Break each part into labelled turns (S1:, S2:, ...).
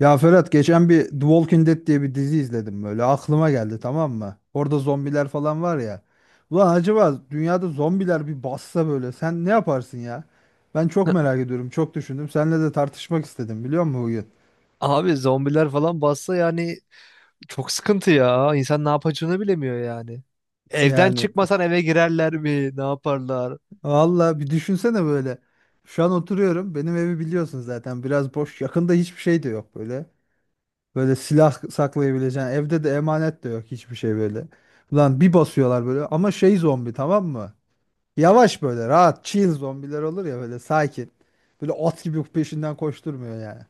S1: Ya Ferhat geçen bir The Walking Dead diye bir dizi izledim böyle aklıma geldi, tamam mı? Orada zombiler falan var ya. Ulan, acaba dünyada zombiler bir bassa böyle sen ne yaparsın ya? Ben çok merak ediyorum, çok düşündüm. Seninle de tartışmak istedim, biliyor musun, bugün?
S2: Abi zombiler falan bassa yani çok sıkıntı ya. İnsan ne yapacağını bilemiyor yani. Evden
S1: Yani
S2: çıkmasan eve girerler mi? Ne yaparlar?
S1: valla bir düşünsene böyle. Şu an oturuyorum, benim evi biliyorsun zaten, biraz boş, yakında hiçbir şey de yok böyle. Böyle silah saklayabileceğin evde de emanet de yok, hiçbir şey böyle. Ulan bir basıyorlar böyle, ama şey, zombi, tamam mı? Yavaş böyle, rahat chill zombiler olur ya, böyle sakin. Böyle at gibi peşinden koşturmuyor yani.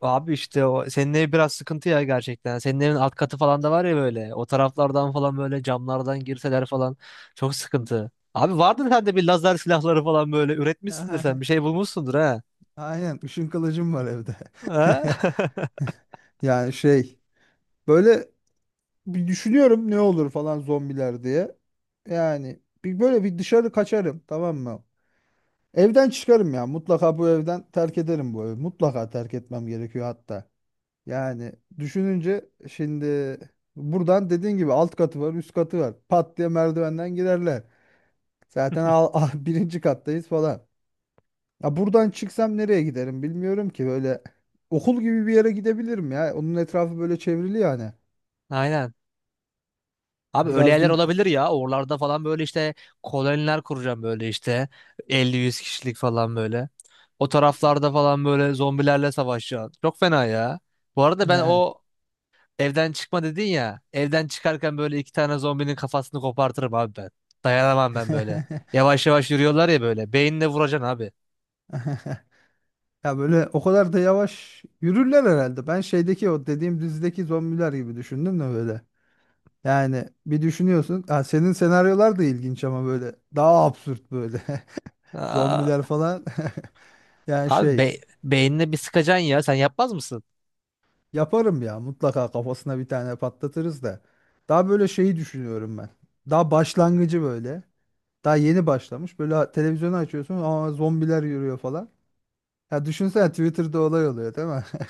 S2: Abi işte o senin ev biraz sıkıntı ya gerçekten. Senin evin alt katı falan da var ya böyle. O taraflardan falan böyle camlardan girseler falan çok sıkıntı. Abi vardır sende bir lazer silahları falan böyle üretmişsindir sen. Bir şey bulmuşsundur ha.
S1: Aynen, ışın kılıcım var evde.
S2: Ha?
S1: Yani şey, böyle bir düşünüyorum, ne olur falan zombiler diye. Yani bir böyle bir dışarı kaçarım, tamam mı? Evden çıkarım ya, mutlaka bu evden, terk ederim bu evi. Mutlaka terk etmem gerekiyor hatta. Yani düşününce şimdi buradan, dediğin gibi alt katı var, üst katı var. Pat diye merdivenden girerler. Zaten al, birinci kattayız falan. Ya buradan çıksam nereye giderim bilmiyorum ki. Böyle okul gibi bir yere gidebilirim ya. Onun etrafı böyle çevrili yani.
S2: Aynen. Abi öyle
S1: Biraz da
S2: yerler olabilir ya. Oralarda falan böyle işte koloniler kuracağım böyle işte. 50 100 kişilik falan böyle. O taraflarda falan böyle zombilerle savaşacağım. Çok fena ya. Bu arada ben
S1: yani.
S2: o evden çıkma dedin ya. Evden çıkarken böyle iki tane zombinin kafasını kopartırım abi ben. Dayanamam ben böyle. Yavaş yavaş yürüyorlar ya böyle. Beyinle vuracaksın abi.
S1: Ya böyle o kadar da yavaş yürürler herhalde. Ben şeydeki, o dediğim dizideki zombiler gibi düşündüm de böyle. Yani bir düşünüyorsun. Ha, senin senaryolar da ilginç ama, böyle daha absürt böyle.
S2: Aa,
S1: Zombiler falan. Yani
S2: abi
S1: şey.
S2: beynine bir sıkacaksın ya. Sen yapmaz mısın?
S1: Yaparım ya, mutlaka kafasına bir tane patlatırız da. Daha böyle şeyi düşünüyorum ben. Daha başlangıcı böyle. Daha yeni başlamış. Böyle televizyonu açıyorsun ama zombiler yürüyor falan. Ya düşünsene, Twitter'da olay oluyor, değil mi?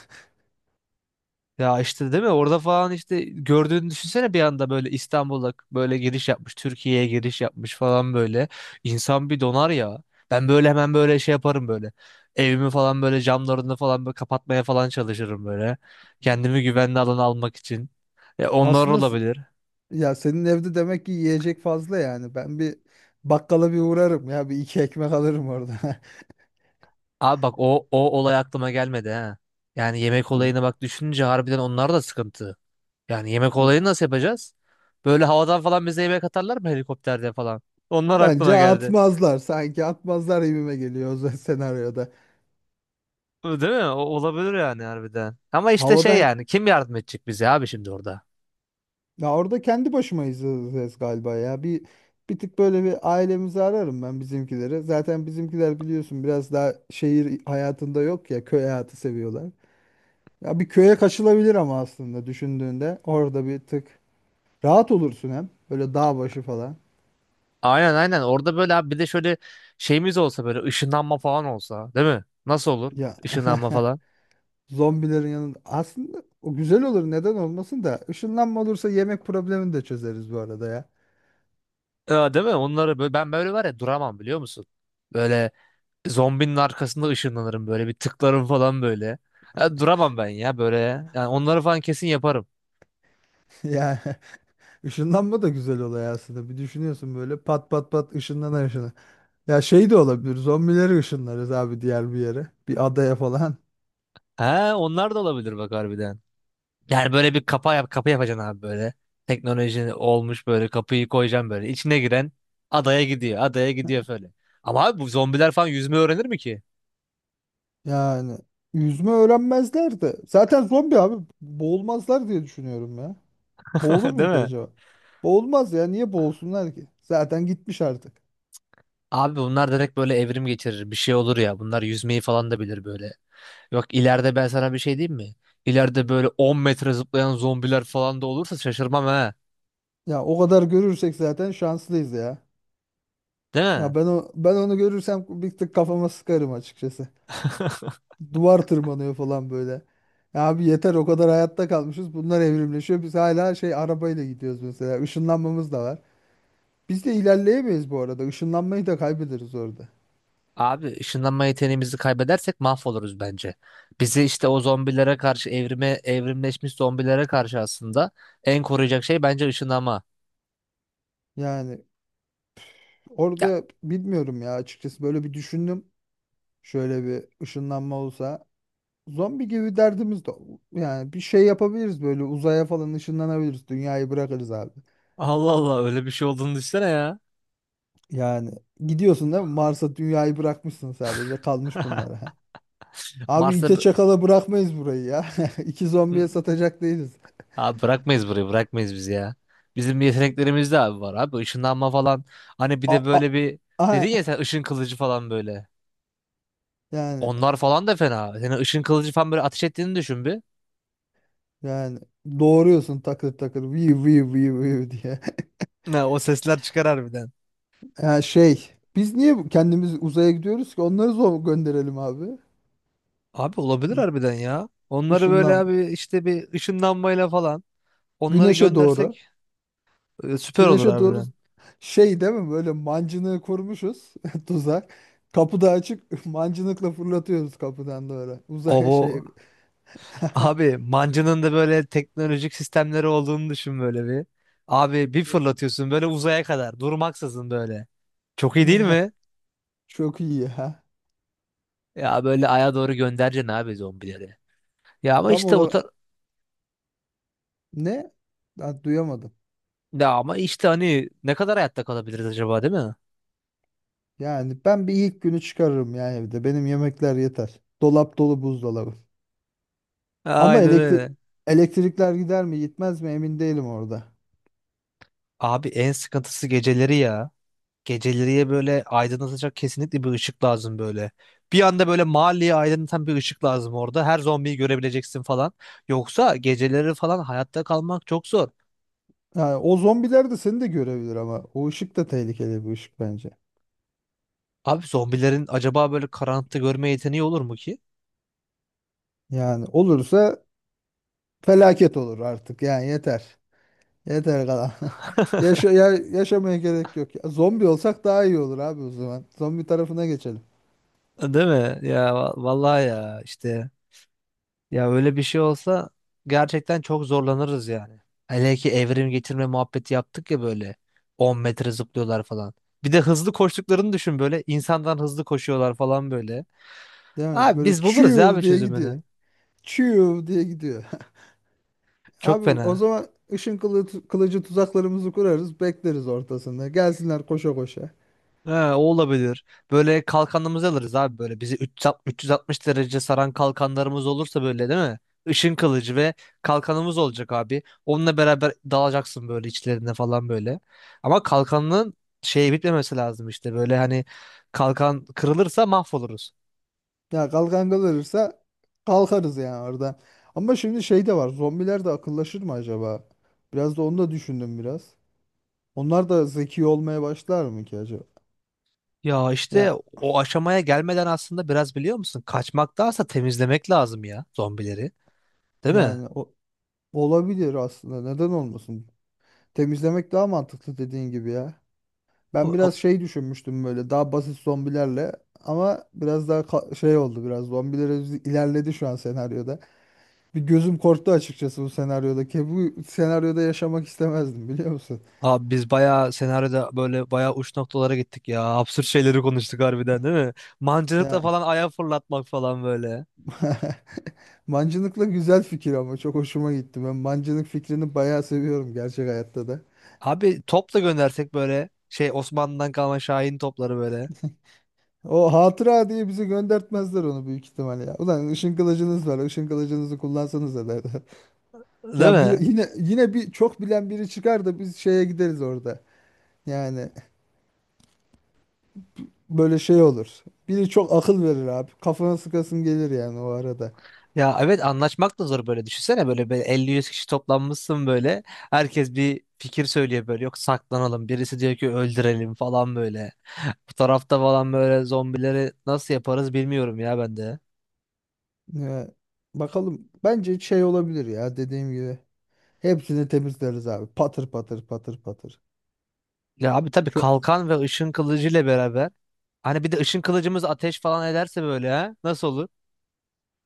S2: Ya işte değil mi? Orada falan işte gördüğünü düşünsene bir anda böyle İstanbul'a böyle giriş yapmış, Türkiye'ye giriş yapmış falan böyle. İnsan bir donar ya. Ben böyle hemen böyle şey yaparım böyle. Evimi falan böyle camlarını falan böyle kapatmaya falan çalışırım böyle. Kendimi güvenli alana almak için. E onlar
S1: Aslında
S2: olabilir.
S1: ya senin evde demek ki yiyecek fazla yani. Ben bir bakkala bir uğrarım ya. Bir iki ekmek alırım orada.
S2: Abi bak o olay aklıma gelmedi ha. Yani yemek
S1: Hı.
S2: olayını bak düşününce harbiden onlar da sıkıntı. Yani yemek
S1: Ya,
S2: olayını nasıl yapacağız? Böyle havadan falan bize yemek atarlar mı helikopterde falan? Onlar
S1: bence
S2: aklıma geldi.
S1: atmazlar. Sanki atmazlar gibime geliyor o senaryoda.
S2: Değil mi? O, olabilir yani harbiden. Ama işte şey
S1: Havadan.
S2: yani kim yardım edecek bize abi şimdi orada?
S1: Ya, orada kendi başıma izleyeceğiz galiba ya. bir tık böyle, bir ailemizi ararım ben, bizimkileri. Zaten bizimkiler biliyorsun, biraz daha şehir hayatında yok ya, köy hayatı seviyorlar. Ya bir köye kaçılabilir ama aslında düşündüğünde orada bir tık rahat olursun hem. Böyle dağ başı falan.
S2: Aynen, aynen, orada böyle abi bir de şöyle şeyimiz olsa böyle ışınlanma falan olsa değil mi? Nasıl olur?
S1: Ya
S2: Işınlanma falan.
S1: zombilerin yanında aslında o güzel olur, neden olmasın da; ışınlanma olursa yemek problemini de çözeriz bu arada ya.
S2: Ya, değil mi? Onları böyle, ben böyle var ya duramam biliyor musun? Böyle zombinin arkasında ışınlanırım böyle bir tıklarım falan böyle. Ya, duramam ben ya böyle. Yani onları falan kesin yaparım.
S1: Ya. Işınlanma da güzel olay aslında. Bir düşünüyorsun böyle, pat pat pat, ışınlanan ışınlanan. Ya şey de olabilir. Zombileri ışınlarız abi diğer bir yere. Bir adaya falan.
S2: He, onlar da olabilir bak harbiden. Yani böyle bir kapı yapacaksın abi böyle. Teknoloji olmuş böyle kapıyı koyacaksın böyle. İçine giren adaya gidiyor. Adaya gidiyor böyle. Ama abi bu zombiler falan yüzme öğrenir mi ki?
S1: Yani, yüzme öğrenmezler de, zaten zombi abi, boğulmazlar diye düşünüyorum ya. Boğulur mu
S2: Değil
S1: ki
S2: mi?
S1: acaba? Boğulmaz ya. Niye boğulsunlar ki? Zaten gitmiş artık.
S2: Abi bunlar direkt böyle evrim geçirir. Bir şey olur ya. Bunlar yüzmeyi falan da bilir böyle. Yok, ileride ben sana bir şey diyeyim mi? İleride böyle 10 metre zıplayan zombiler falan da olursa şaşırmam ha.
S1: Ya o kadar görürsek zaten şanslıyız ya.
S2: Değil mi?
S1: Ya ben onu görürsem bir tık kafama sıkarım açıkçası. Duvar tırmanıyor falan böyle. Ya abi, yeter o kadar hayatta kalmışız. Bunlar evrimleşiyor. Biz hala şey, arabayla gidiyoruz mesela. Işınlanmamız da var. Biz de ilerleyemeyiz bu arada. Işınlanmayı da kaybederiz orada.
S2: Abi ışınlanma yeteneğimizi kaybedersek mahvoluruz bence. Bizi işte o zombilere karşı evrimleşmiş zombilere karşı aslında en koruyacak şey bence ışınlanma.
S1: Yani
S2: Ya
S1: orada bilmiyorum ya, açıkçası böyle bir düşündüm. Şöyle bir ışınlanma olsa, zombi gibi derdimiz de, yani bir şey yapabiliriz, böyle uzaya falan ışınlanabiliriz. Dünyayı bırakırız abi.
S2: Allah Allah, öyle bir şey olduğunu düşünsene ya.
S1: Yani gidiyorsun değil mi? Mars'a, dünyayı bırakmışsın sadece. Kalmış bunlara. Abi,
S2: Mars'ta
S1: ite
S2: bi-
S1: çakala bırakmayız burayı ya. İki zombiye
S2: Hı.
S1: satacak değiliz.
S2: Abi bırakmayız burayı, bırakmayız bizi ya. Bizim yeteneklerimiz de abi var abi, ışınlanma falan. Hani bir
S1: A,
S2: de
S1: a,
S2: böyle bir dedin
S1: aha.
S2: ya sen, ışın kılıcı falan böyle.
S1: Yani
S2: Onlar falan da fena. Senin ışın kılıcı falan böyle ateş ettiğini düşün bir.
S1: yani doğuruyorsun, takır takır, vi vi vi vi diye.
S2: Ne, o sesler çıkar harbiden.
S1: Yani şey, biz niye kendimiz uzaya gidiyoruz ki? Onları zor gönderelim abi.
S2: Abi olabilir
S1: Hı,
S2: harbiden ya. Onları böyle
S1: Işınlan.
S2: abi işte bir ışınlanmayla falan onları
S1: Güneşe doğru.
S2: göndersek süper olur
S1: Güneşe doğru
S2: harbiden.
S1: şey değil mi, böyle mancınığı kurmuşuz tuzak. Kapı da açık. Mancınıkla fırlatıyoruz kapıdan doğru.
S2: O
S1: Uzay şey.
S2: bu abi mancının da böyle teknolojik sistemleri olduğunu düşün böyle bir. Abi bir fırlatıyorsun böyle uzaya kadar durmaksızın böyle. Çok iyi değil mi?
S1: Çok iyi ya.
S2: Ya böyle aya doğru göndereceksin abi zombileri. Ya ama
S1: Tam
S2: işte o
S1: olarak
S2: tar-
S1: ne? Ben duyamadım.
S2: ya ama işte hani ne kadar hayatta kalabiliriz acaba değil mi?
S1: Yani ben bir ilk günü çıkarırım yani evde. Benim yemekler yeter. Dolap dolu, buzdolabı. Ama
S2: Aynen
S1: elektrik
S2: öyle.
S1: elektrikler gider mi gitmez mi emin değilim orada.
S2: Abi en sıkıntısı geceleri ya. Geceleriye böyle aydınlatacak kesinlikle bir ışık lazım böyle. Bir anda böyle mahalleyi aydınlatan bir ışık lazım orada. Her zombiyi görebileceksin falan. Yoksa geceleri falan hayatta kalmak çok zor.
S1: Yani o zombiler de seni de görebilir ama o ışık da tehlikeli bir ışık bence.
S2: Abi zombilerin acaba böyle karanlıkta görme yeteneği olur mu ki?
S1: Yani olursa, felaket olur artık yani, yeter. Yeter kalan. Yaşa, yaşamaya gerek yok. Ya, zombi olsak daha iyi olur abi o zaman. Zombi tarafına geçelim.
S2: Değil mi? Ya vallahi ya işte ya öyle bir şey olsa gerçekten çok zorlanırız yani. Hele ki evrim getirme muhabbeti yaptık ya böyle. 10 metre zıplıyorlar falan. Bir de hızlı koştuklarını düşün böyle, insandan hızlı koşuyorlar falan böyle.
S1: Değil mi?
S2: Abi
S1: Böyle
S2: biz buluruz ya
S1: çiğ
S2: abi
S1: diye gidiyor.
S2: çözümünü.
S1: Çiğ diye gidiyor.
S2: Çok
S1: Abi o
S2: fena.
S1: zaman, ışın kılıcı tuzaklarımızı kurarız. Bekleriz ortasında. Gelsinler koşa koşa.
S2: Ha, o olabilir. Böyle kalkanımızı alırız abi böyle. Bizi 360 360 derece saran kalkanlarımız olursa böyle değil mi? Işın kılıcı ve kalkanımız olacak abi. Onunla beraber dalacaksın böyle içlerine falan böyle. Ama kalkanın şey bitmemesi lazım işte. Böyle hani kalkan kırılırsa mahvoluruz.
S1: Ya kalkan kalırsa kalkarız yani oradan. Ama şimdi şey de var. Zombiler de akıllaşır mı acaba? Biraz da onu da düşündüm biraz. Onlar da zeki olmaya başlar mı ki acaba?
S2: Ya işte
S1: Ya,
S2: o aşamaya gelmeden aslında biraz biliyor musun? Kaçmaktansa temizlemek lazım ya zombileri. Değil mi?
S1: yani o, olabilir aslında. Neden olmasın? Temizlemek daha mantıklı, dediğin gibi ya. Ben biraz şey düşünmüştüm, böyle daha basit zombilerle, ama biraz daha şey oldu, biraz zombilere ilerledi şu an senaryoda. Bir gözüm korktu açıkçası bu senaryoda. Ki bu senaryoda yaşamak istemezdim, biliyor musun?
S2: Abi biz bayağı senaryoda böyle bayağı uç noktalara gittik ya. Absürt şeyleri konuştuk harbiden değil mi? Mancınıkla
S1: Ya
S2: falan ayağı fırlatmak falan böyle.
S1: mancınıkla güzel fikir ama, çok hoşuma gitti. Ben mancınık fikrini bayağı seviyorum gerçek hayatta da.
S2: Abi top da göndersek böyle şey, Osmanlı'dan kalma Şahin topları böyle.
S1: O hatıra diye bizi göndertmezler onu, büyük ihtimal ya. Ulan ışın kılıcınız var, Işın kılıcınızı kullansanız da derler.
S2: Değil
S1: Ya bir,
S2: mi?
S1: yine bir çok bilen biri çıkar da biz şeye gideriz orada. Yani böyle şey olur. Biri çok akıl verir abi. Kafana sıkasın gelir yani o arada.
S2: Ya evet, anlaşmak da zor böyle. Düşünsene böyle 50-100 kişi toplanmışsın böyle. Herkes bir fikir söylüyor böyle. Yok, saklanalım. Birisi diyor ki öldürelim falan böyle. Bu tarafta falan böyle zombileri nasıl yaparız bilmiyorum ya ben de.
S1: Ya, bakalım. Bence şey olabilir ya, dediğim gibi. Hepsini temizleriz abi. Patır patır patır patır.
S2: Ya abi tabii
S1: Şu
S2: kalkan ve ışın kılıcı ile beraber. Hani bir de ışın kılıcımız ateş falan ederse böyle ha. Nasıl olur?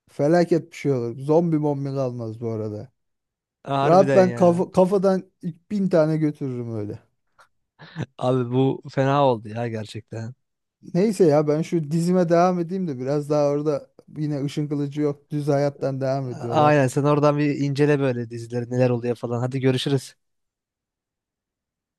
S1: felaket bir şey olur. Zombi mombi kalmaz bu arada. Rahat
S2: Harbiden
S1: ben
S2: ya.
S1: kafadan ilk 1.000 tane götürürüm öyle.
S2: Abi bu fena oldu ya gerçekten.
S1: Neyse ya, ben şu dizime devam edeyim de, biraz daha orada yine Işın Kılıcı yok, düz hayattan devam ediyorlar.
S2: Aynen, sen oradan bir incele böyle dizileri neler oluyor falan. Hadi görüşürüz.